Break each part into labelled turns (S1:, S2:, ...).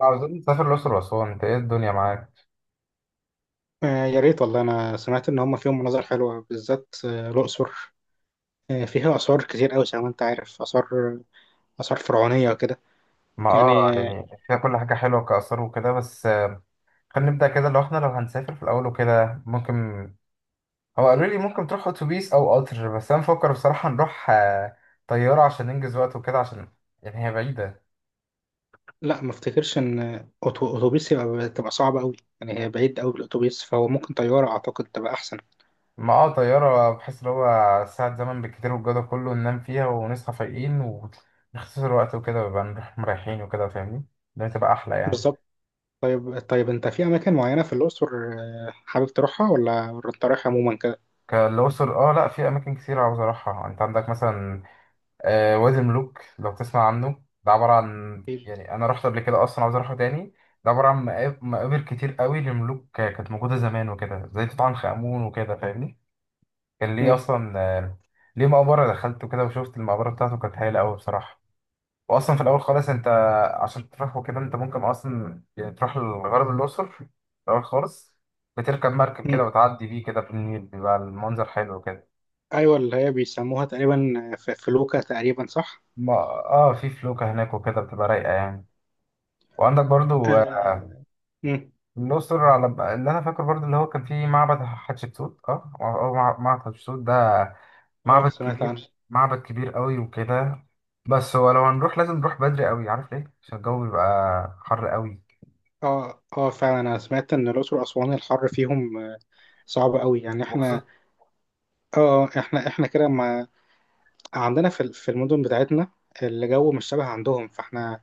S1: عاوزين نسافر الأقصر وأسوان. أنت إيه الدنيا معاك؟
S2: آه، يا ريت والله. انا سمعت ان هم فيهم مناظر حلوه، بالذات الاقصر. آه، فيها اثار كتير قوي زي ما انت عارف. اثار فرعونيه وكده.
S1: ما
S2: يعني آه.
S1: يعني فيها كل حاجة حلوة كآثار وكده، بس خلينا نبدأ كده. لو إحنا لو هنسافر في الأول وكده، ممكن هو قالوا لي ممكن تروح أتوبيس أو قطر، بس أنا بفكر بصراحة نروح طيارة عشان ننجز وقت وكده، عشان يعني هي بعيدة.
S2: لا، ما افتكرش ان اتوبيس يبقى صعبه قوي. يعني هي بعيد قوي الاتوبيس، فهو ممكن طياره اعتقد تبقى احسن.
S1: ما طيارة، بحس إن هو ساعة زمن بالكتير، والجو ده كله ننام فيها ونصحى فايقين ونختصر وقت وكده، ويبقى نروح مريحين وكده. فاهمني؟ ده تبقى أحلى يعني.
S2: بالظبط. طيب طيب، انت في اماكن معينه في الاقصر حابب تروحها، ولا انت رايح عموما كده؟
S1: كالأقصر، اه، لا في اماكن كتير عاوز اروحها. انت عندك مثلا وادي الملوك، لو تسمع عنه. ده عبارة عن يعني أنا رحت قبل كده أصلا، عاوز أروحه تاني. ده عبارة عن مقابر كتير قوي لملوك، كانت موجودة زمان وكده، زي توت عنخ آمون وكده. فاهمني؟ كان ليه
S2: مم.
S1: أصلا. ليه مقبرة دخلت وكده، وشفت المقبرة بتاعته كانت هايلة قوي بصراحة. وأصلا في الأول خالص أنت عشان تروح وكده، أنت ممكن أصلا يعني تروح لغرب الأقصر في الأول خالص، بتركب مركب
S2: مم.
S1: كده وتعدي بيه كده في النيل، بيبقى المنظر حلو وكده.
S2: ايوه، اللي هي بيسموها تقريبا في فلوكه، تقريبا صح؟
S1: ما- اه في فلوكة هناك وكده بتبقى رايقة يعني. وعندك برضو
S2: آه. مم.
S1: الأقصر، على اللي أنا فاكره برضه، اللي هو كان فيه معبد حتشبسوت أو معبد حتشبسوت ده
S2: اه،
S1: معبد
S2: سمعت
S1: كبير.
S2: عنها.
S1: معبد كبير قوي وكده. بس هو لو هنروح لازم نروح بدري قوي، عارف ليه؟ عشان الجو بيبقى حر قوي،
S2: اه اه، فعلا. انا سمعت ان الاقصر واسوان الحر فيهم صعب قوي يعني. احنا
S1: وخصوصا.
S2: اه اه، احنا كده ما عندنا في في المدن بتاعتنا الجو مش شبه عندهم، فاحنا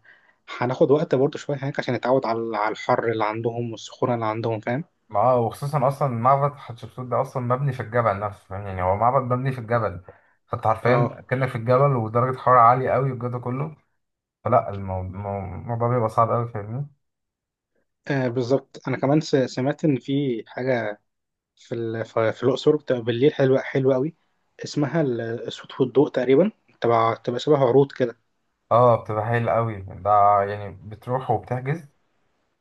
S2: هناخد وقت برضه شويه هناك عشان نتعود على الحر اللي عندهم والسخونه اللي عندهم، فاهم؟
S1: أصلا معبد حتشبسوت ده أصلا مبني في الجبل نفسه، فاهم؟ يعني هو معبد مبني في الجبل، فأنت
S2: اه،
S1: حرفيا كأنك في الجبل ودرجة حرارة عالية قوي والجو ده كله. فلا، الموضوع بيبقى صعب قوي. فاهمني؟
S2: آه، بالظبط. انا كمان سمعت ان في حاجه في في الاقصر بتبقى بالليل حلوه حلوه قوي. اسمها الصوت والضوء تقريبا. تبع تبقى شبه عروض كده.
S1: اه، بتبقى حلوة قوي ده. يعني بتروح وبتحجز،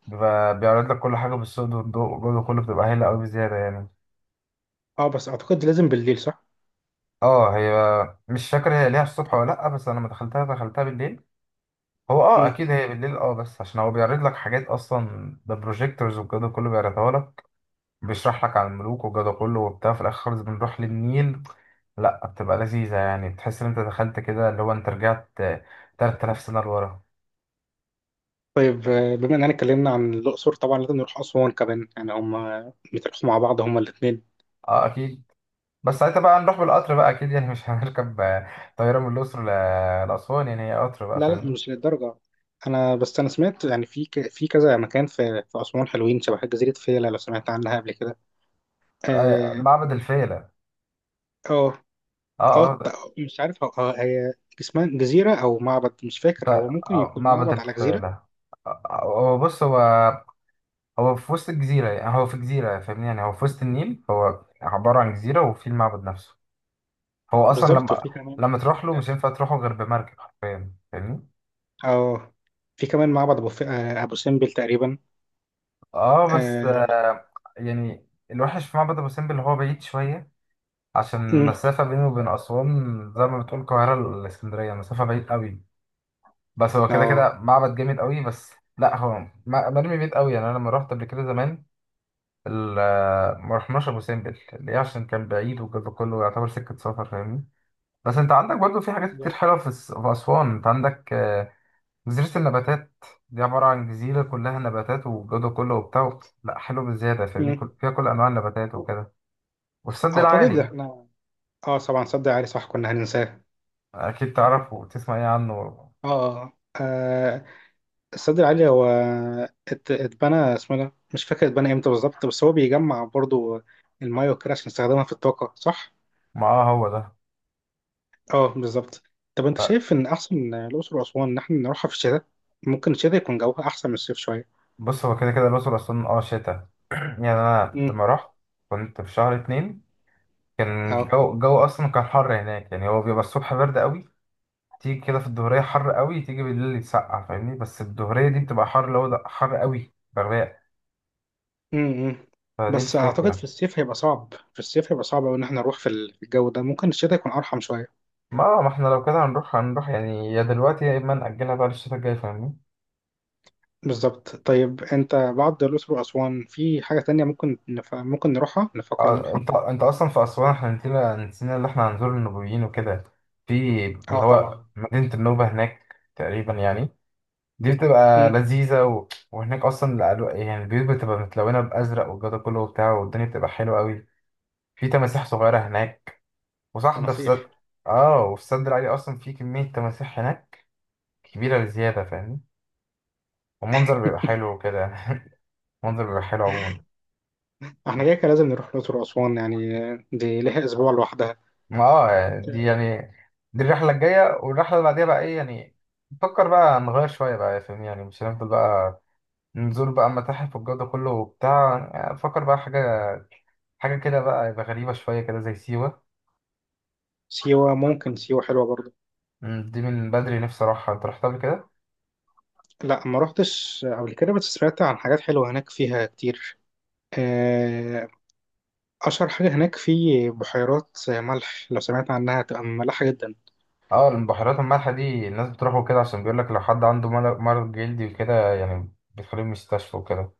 S1: بيبقى بيعرض لك كل حاجة بالصوت والضوء، والجودة كله بتبقى هايلة أوي بزيادة يعني.
S2: اه، بس اعتقد لازم بالليل، صح؟
S1: اه، هي مش فاكر هي ليها الصبح ولا لأ، بس أنا لما دخلتها بالليل. هو أكيد هي بالليل، بس عشان هو بيعرض لك حاجات أصلا، ده بروجيكتورز والجودة كله بيعرضها لك، بيشرح لك عن الملوك والجودة كله وبتاع. في الآخر خالص بنروح للنيل. لأ، بتبقى لذيذة يعني، بتحس إن أنت دخلت كده اللي هو أنت رجعت 3000 سنة لورا.
S2: طيب بما اننا اتكلمنا عن الاقصر طبعا لازم نروح اسوان كمان، يعني هما بيتراحوا مع بعض هما الاثنين.
S1: اه، أكيد. بس ساعتها بقى هنروح بالقطر بقى، أكيد يعني مش هنركب طيارة من الأقصر لأسوان، يعني هي قطر بقى.
S2: لا لا،
S1: فاهم؟
S2: مش للدرجه. انا بس انا سمعت يعني في في كذا مكان في اسوان حلوين. شبه جزيره فيلا، لو سمعت عنها قبل كده. اه.
S1: معبد الفيلة.
S2: اه.
S1: اه،
S2: آه.
S1: اه،
S2: مش عارف هي اسمها جزيره او معبد، مش فاكر، هو ممكن يكون
S1: معبد
S2: معبد على جزيره.
S1: الفيلة. هو بص، هو هو في وسط الجزيرة، يعني هو في جزيرة. فاهمني؟ يعني هو في وسط النيل، هو عبارة عن جزيرة، وفي المعبد نفسه. هو أصلا
S2: بالظبط
S1: لما
S2: وفي كمان.
S1: لما تروح له مش هينفع تروحه غير بمركب حرفيا. فاهمني؟
S2: اه في كمان معبد ابو ف... آه، ابو سمبل تقريبا.
S1: اه، بس
S2: اه.
S1: يعني الوحش في معبد أبو سمبل اللي هو بعيد شوية، عشان
S2: أمم.
S1: المسافة بينه وبين أسوان زي ما بتقول القاهرة لإسكندرية، مسافة بعيد قوي. بس هو كده
S2: اه.
S1: كده معبد جامد قوي بس. لا، هو مرمي بعيد قوي، يعني انا لما رحت قبل كده زمان ال- ما رحناش ابو سمبل. ليه؟ عشان كان بعيد وكده كله يعتبر سكه سفر. فاهمني؟ بس انت عندك برضو في حاجات كتير حلوه في اسوان. انت عندك جزيره النباتات، دي عباره عن جزيره كلها نباتات والجو كله وبتاع. لا، حلو بزياده، فاهمني؟
S2: أمم.
S1: فيها كل انواع النباتات وكده، والسد
S2: اعتقد
S1: العالي.
S2: احنا. اه، طبعا السد العالي صح، كنا هننساه.
S1: اكيد تعرفه وتسمع ايه عنه.
S2: اه، آه، آه، السد العالي هو اتبنى، اسمه إيه ده، مش فاكر اتبنى امتى بالظبط. بس هو بيجمع برضو المايه وكده عشان نستخدمها في الطاقة، صح؟
S1: ما آه، هو ده.
S2: اه، بالظبط. طب انت شايف ان احسن الاقصر واسوان ان احنا نروحها في الشتاء؟ ممكن الشتاء يكون جوها احسن من الصيف شوية.
S1: بص، هو كده كده الأقصر أصلا شتا. يعني أنا
S2: امم.
S1: لما رحت كنت في شهر اتنين، كان
S2: اه.
S1: الجو أصلا كان حر هناك، يعني هو بيبقى الصبح برد قوي، تيجي كده في الظهرية حر قوي، تيجي بالليل يتسقع. فاهمني؟ بس الظهرية دي بتبقى حر اللي هو ده حر قوي بغباء.
S2: امم.
S1: فدي
S2: بس اعتقد
S1: الفكرة.
S2: في الصيف هيبقى صعب، في الصيف هيبقى صعب أوي ان احنا نروح في الجو ده. ممكن الشتاء يكون ارحم شوية.
S1: ما احنا لو كده هنروح، هنروح يعني يا دلوقتي يا إما نأجلها بقى للشتا الجاي. فاهمني؟
S2: بالظبط. طيب انت بعد الأقصر وأسوان في حاجة تانية ممكن ممكن نروحها، نفكر
S1: اه،
S2: نروحها؟
S1: انت أصلا في أسوان احنا نسينا اللي احنا هنزور النوبيين وكده، في اللي
S2: اه،
S1: هو
S2: طبعا.
S1: مدينة النوبة هناك تقريبا يعني. دي بتبقى
S2: امم.
S1: لذيذة وهناك أصلا يعني البيوت بتبقى متلونة بأزرق والجو ده كله وبتاع، والدنيا بتبقى حلوة أوي. في تماسيح صغيرة هناك، وصح ده في
S2: مسيح.
S1: سد. وفي السد العالي أصلا في كمية تماسيح هناك كبيرة بزيادة، فاهمني؟ والمنظر بيبقى حلو وكده. المنظر بيبقى حلو عموما.
S2: احنا كده كده لازم نروح الأقصر وأسوان يعني، دي ليها أسبوع لوحدها.
S1: ما دي
S2: آه.
S1: يعني دي الرحلة الجاية، والرحلة اللي بعديها بقى إيه يعني؟ نفكر بقى نغير شوية بقى، فاهمني؟ يعني مش هنفضل بقى نزور بقى متاحف والجو ده كله وبتاع. يعني فكر بقى حاجة، حاجة كده بقى يبقى غريبة شوية كده، زي سيوة.
S2: سيوة، ممكن سيوة حلوة برضه.
S1: دي من بدري نفسي أروحها. أنت رحتها قبل كده؟
S2: لا، ما روحتش قبل كده، بس سمعت عن حاجات حلوة هناك فيها كتير. آه، أشهر حاجة هناك في بحيرات ملح. لو سمعت عنها، هتبقى ملحة جدا.
S1: اه، البحيرات المالحة دي الناس بتروحوا كده عشان بيقول لك لو حد عنده مرض جلدي وكده، يعني بتخليه مستشفى وكده.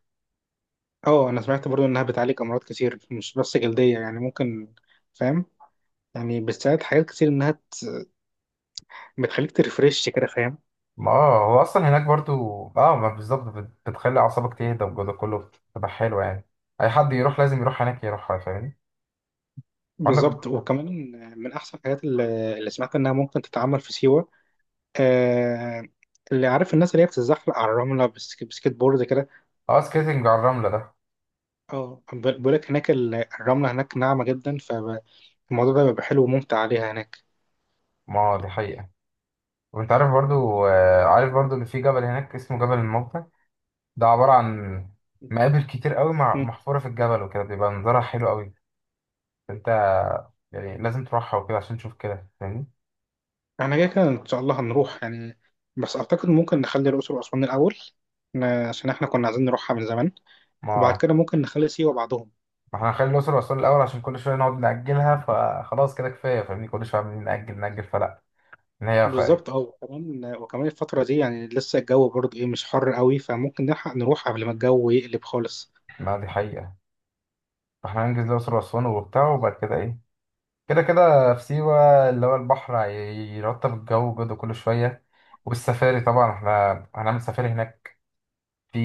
S2: اه، أنا سمعت برضه إنها بتعالج أمراض كتير، مش بس جلدية. يعني ممكن، فاهم، يعني بتساعد حاجات كتير، انها بتخليك ترفرش كده، فاهم.
S1: ما هو أصلا هناك برضو. اه، ما بالظبط، بتخلي أعصابك تهدى والجو ده كله، بتبقى حلوة يعني. أي حد يروح لازم يروح هناك يروحها. فاهمني؟ عندك
S2: بالظبط. وكمان من احسن الحاجات اللي سمعت انها ممكن تتعمل في سيوة، آه، اللي عارف الناس اللي هي بتتزحلق على الرملة بسكيت بورد كده.
S1: اه، سكيتنج على الرملة ده.
S2: اه، بيقول لك هناك الرملة هناك ناعمة جدا، فالموضوع ده بيبقى حلو وممتع عليها هناك.
S1: ما هو دي حقيقة. وانت عارف برضو ان في جبل هناك اسمه جبل الموتى، ده عبارة عن مقابر كتير قوي
S2: مم.
S1: محفورة في الجبل وكده، بيبقى منظرها حلو قوي. انت يعني لازم تروحها وكده عشان تشوف كده. فاهمني؟
S2: احنا كده كده ان شاء الله هنروح يعني. بس اعتقد ممكن نخلي الاقصر واسوان الاول، عشان احنا كنا عايزين نروحها من زمان. وبعد
S1: ما
S2: كده ممكن نخلي سيوة بعدهم.
S1: ما احنا هنخلي الأقصر وأسوان الأول عشان كل شوية نقعد نأجلها، فخلاص كده كفاية. فاهمني؟ كل شوية عمالين نأجل فلا. إن هي خ...
S2: بالظبط، اه، وكمان الفترة دي يعني لسه الجو برضه ايه مش حر قوي، فممكن نلحق نروح قبل ما الجو يقلب خالص.
S1: ما دي حقيقة. فاحنا هننجز الأقصر وأسوان وبتاع، وبعد كده إيه؟ كده كده في سيوة اللي هو البحر يرطب الجو جدا كل شوية، والسفاري طبعا احنا هنعمل سفاري هناك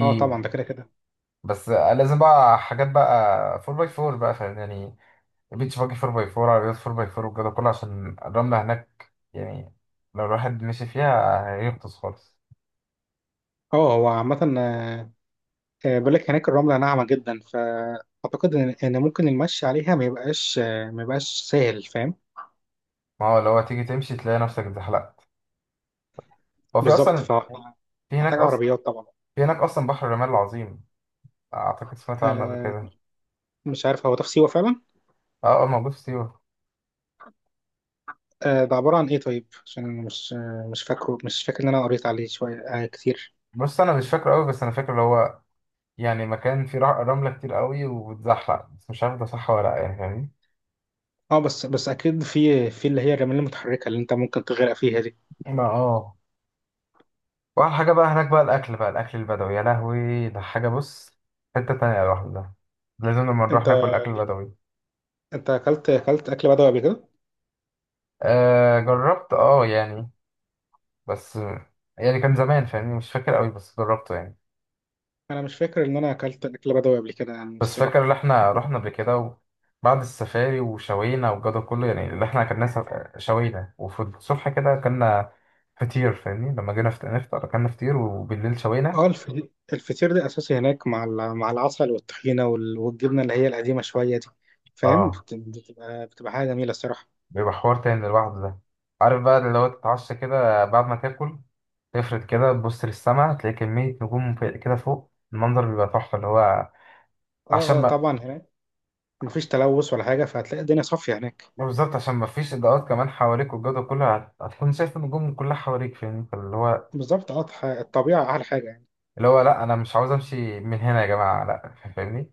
S2: اه، طبعا، ده كده كده.
S1: بس لازم بقى حاجات بقى 4 باي 4 بقى، فاهم يعني؟ البيتش باجي 4 باي 4، عربيات 4 باي 4 والجو ده كله، عشان الرملة هناك يعني لو الواحد مشي فيها هيغطس خالص.
S2: اه، هو عامة بقول لك هناك الرملة ناعمة جدا، فأعتقد إن ممكن المشي عليها ما يبقاش، ما يبقاش سهل، فاهم.
S1: ما هو لو تيجي تمشي تلاقي نفسك اتزحلقت. هو في
S2: بالظبط،
S1: اصلا في هناك
S2: فمحتاج
S1: اصلا
S2: عربيات طبعا.
S1: في هناك اصلا بحر الرمال العظيم، اعتقد سمعت عنه قبل
S2: آه.
S1: كده.
S2: مش عارف هو ده في سيوة فعلا؟
S1: اه، اه، موجود في سيوة.
S2: آه، ده عبارة عن ايه؟ طيب عشان أنا مش فاكر إن أنا قريت عليه شوية كتير.
S1: بص، انا مش فاكره قوي، بس انا فاكر اللي هو يعني مكان فيه رملة كتير قوي وبتزحلق، بس مش عارف ده صح ولا لا يعني. فاهمني؟
S2: اه، بس اكيد في اللي هي الرمال المتحركه اللي انت ممكن تغرق فيها دي.
S1: ما واحلى حاجة بقى هناك بقى الأكل، بقى الأكل البدوي، يا لهوي ده حاجة. بص، حتة تانية لوحده ده، لازم لما نروح
S2: انت
S1: ناكل أكل بدوي.
S2: انت اكلت اكل بدوي قبل كده؟
S1: آه، جربت اه يعني، بس يعني كان زمان، فاهمني؟ مش فاكر قوي بس جربته يعني.
S2: انا مش فاكر ان انا اكلت اكل بدوي قبل كده يعني
S1: بس فاكر
S2: الصراحه.
S1: اللي احنا رحنا قبل كده، وبعد السفاري وشوينا والجو ده كله، يعني اللي احنا كنا شوينا، وفي الصبح كده كنا فطير. فاهمني؟ لما جينا نفطر كنا فطير، وبالليل شوينا.
S2: اه، الفطير ده اساسي هناك مع مع العسل والطحينه والجبنه اللي هي القديمه شويه دي، فاهم،
S1: اه،
S2: بتبقى حاجه جميله الصراحه.
S1: بيبقى حوار تاني لوحده ده. عارف بقى اللي هو تتعشى كده بعد ما تاكل، تفرد كده تبص للسما، تلاقي كمية نجوم كده فوق، المنظر بيبقى تحفة اللي هو
S2: اه.
S1: عشان
S2: اه
S1: ما.
S2: طبعا هناك مفيش تلوث ولا حاجه، فهتلاقي الدنيا صافيه هناك.
S1: بالظبط، عشان ما فيش إضاءات كمان حواليك والجو ده كله هتكون شايف النجوم كلها حواليك. فاهمني؟ فاللي هو
S2: بالظبط، اه، الطبيعه احلى حاجه يعني.
S1: اللي هو لأ، أنا مش عاوز أمشي من هنا يا جماعة، لأ، فاهمني؟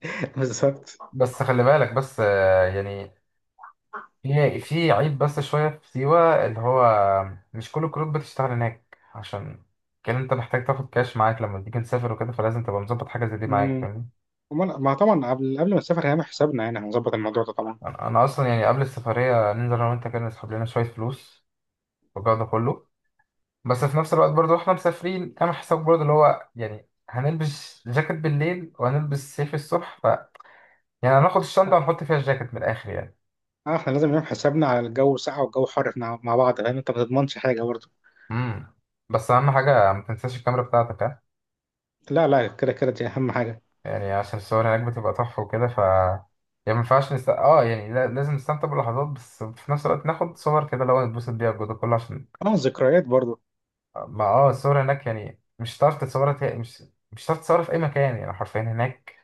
S2: بالظبط.
S1: بس خلي بالك، بس يعني في عيب بس شوية في سيوة اللي هو مش كل الكروت بتشتغل هناك، عشان كان أنت محتاج تاخد كاش معاك لما تيجي تسافر وكده، فلازم تبقى مظبط حاجة زي دي معاك.
S2: امم.
S1: فاهمني؟
S2: امال، ما طبعا قبل ما نسافر هنعمل حسابنا، يعني هنظبط الموضوع ده طبعا.
S1: أنا اصلا يعني قبل السفريه ننزل انا وانت كده نسحب لنا شويه فلوس والجو ده كله، بس في نفس الوقت برضو احنا مسافرين، اعمل حساب برضو اللي هو يعني هنلبس جاكيت بالليل وهنلبس سيف الصبح، ف يعني هناخد الشنطه ونحط فيها الجاكيت من الاخر يعني.
S2: اه، احنا لازم نعمل حسابنا على الجو ساقع والجو حر، احنا مع بعض، لان انت ما تضمنش حاجه برضه.
S1: امم بس اهم حاجه ما تنساش الكاميرا بتاعتك، ها؟
S2: لا لا، كده كده دي اهم حاجه.
S1: يعني عشان الصور هناك بتبقى تحفه وكده، ف يعني ما ينفعش نست... اه يعني لا- لازم نستمتع باللحظات، بس في نفس الوقت ناخد صور كده اللي هو نتبسط بيها الجو ده كله عشان
S2: اه، ذكريات برضه.
S1: ما الصور هناك يعني مش هتعرف تتصورها تا- مش مش هتعرف تتصورها في اي مكان، يعني حرفيا هناك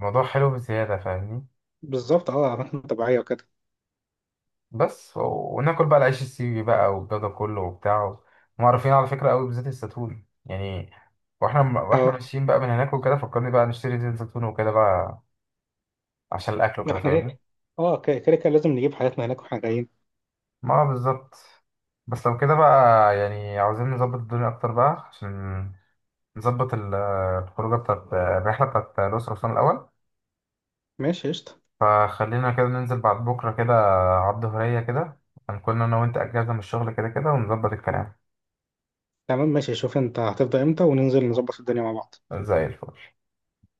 S1: الموضوع حلو بزياده. فاهمني؟
S2: بالظبط، اه، اماكن طبيعيه وكده.
S1: بس وناكل بقى العيش السيوي بقى والجو ده كله وبتاع. هم عارفين على فكره قوي بزيت الزيتون يعني، واحنا
S2: اه،
S1: ماشيين بقى من هناك وكده، فكرني بقى نشتري زيت زيتون وكده بقى عشان الاكل وكده.
S2: احنا
S1: فاهمني؟
S2: كده، اه كده كده كده لازم نجيب حاجاتنا هناك واحنا جايين.
S1: ما بالظبط. بس لو كده بقى يعني عاوزين نظبط الدنيا اكتر بقى، عشان نظبط الخروجه بتاعت الرحله بتاعت الاسره اصلا الاول.
S2: ماشي قشطه.
S1: فخلينا كده ننزل بعد بكرة كده، على الظهرية كده هنكون أنا وأنت أجازة من الشغل كده كده، ونظبط الكلام.
S2: تمام، ماشي، شوف انت هتفضى امتى وننزل نظبط الدنيا مع بعض.
S1: زي الفل.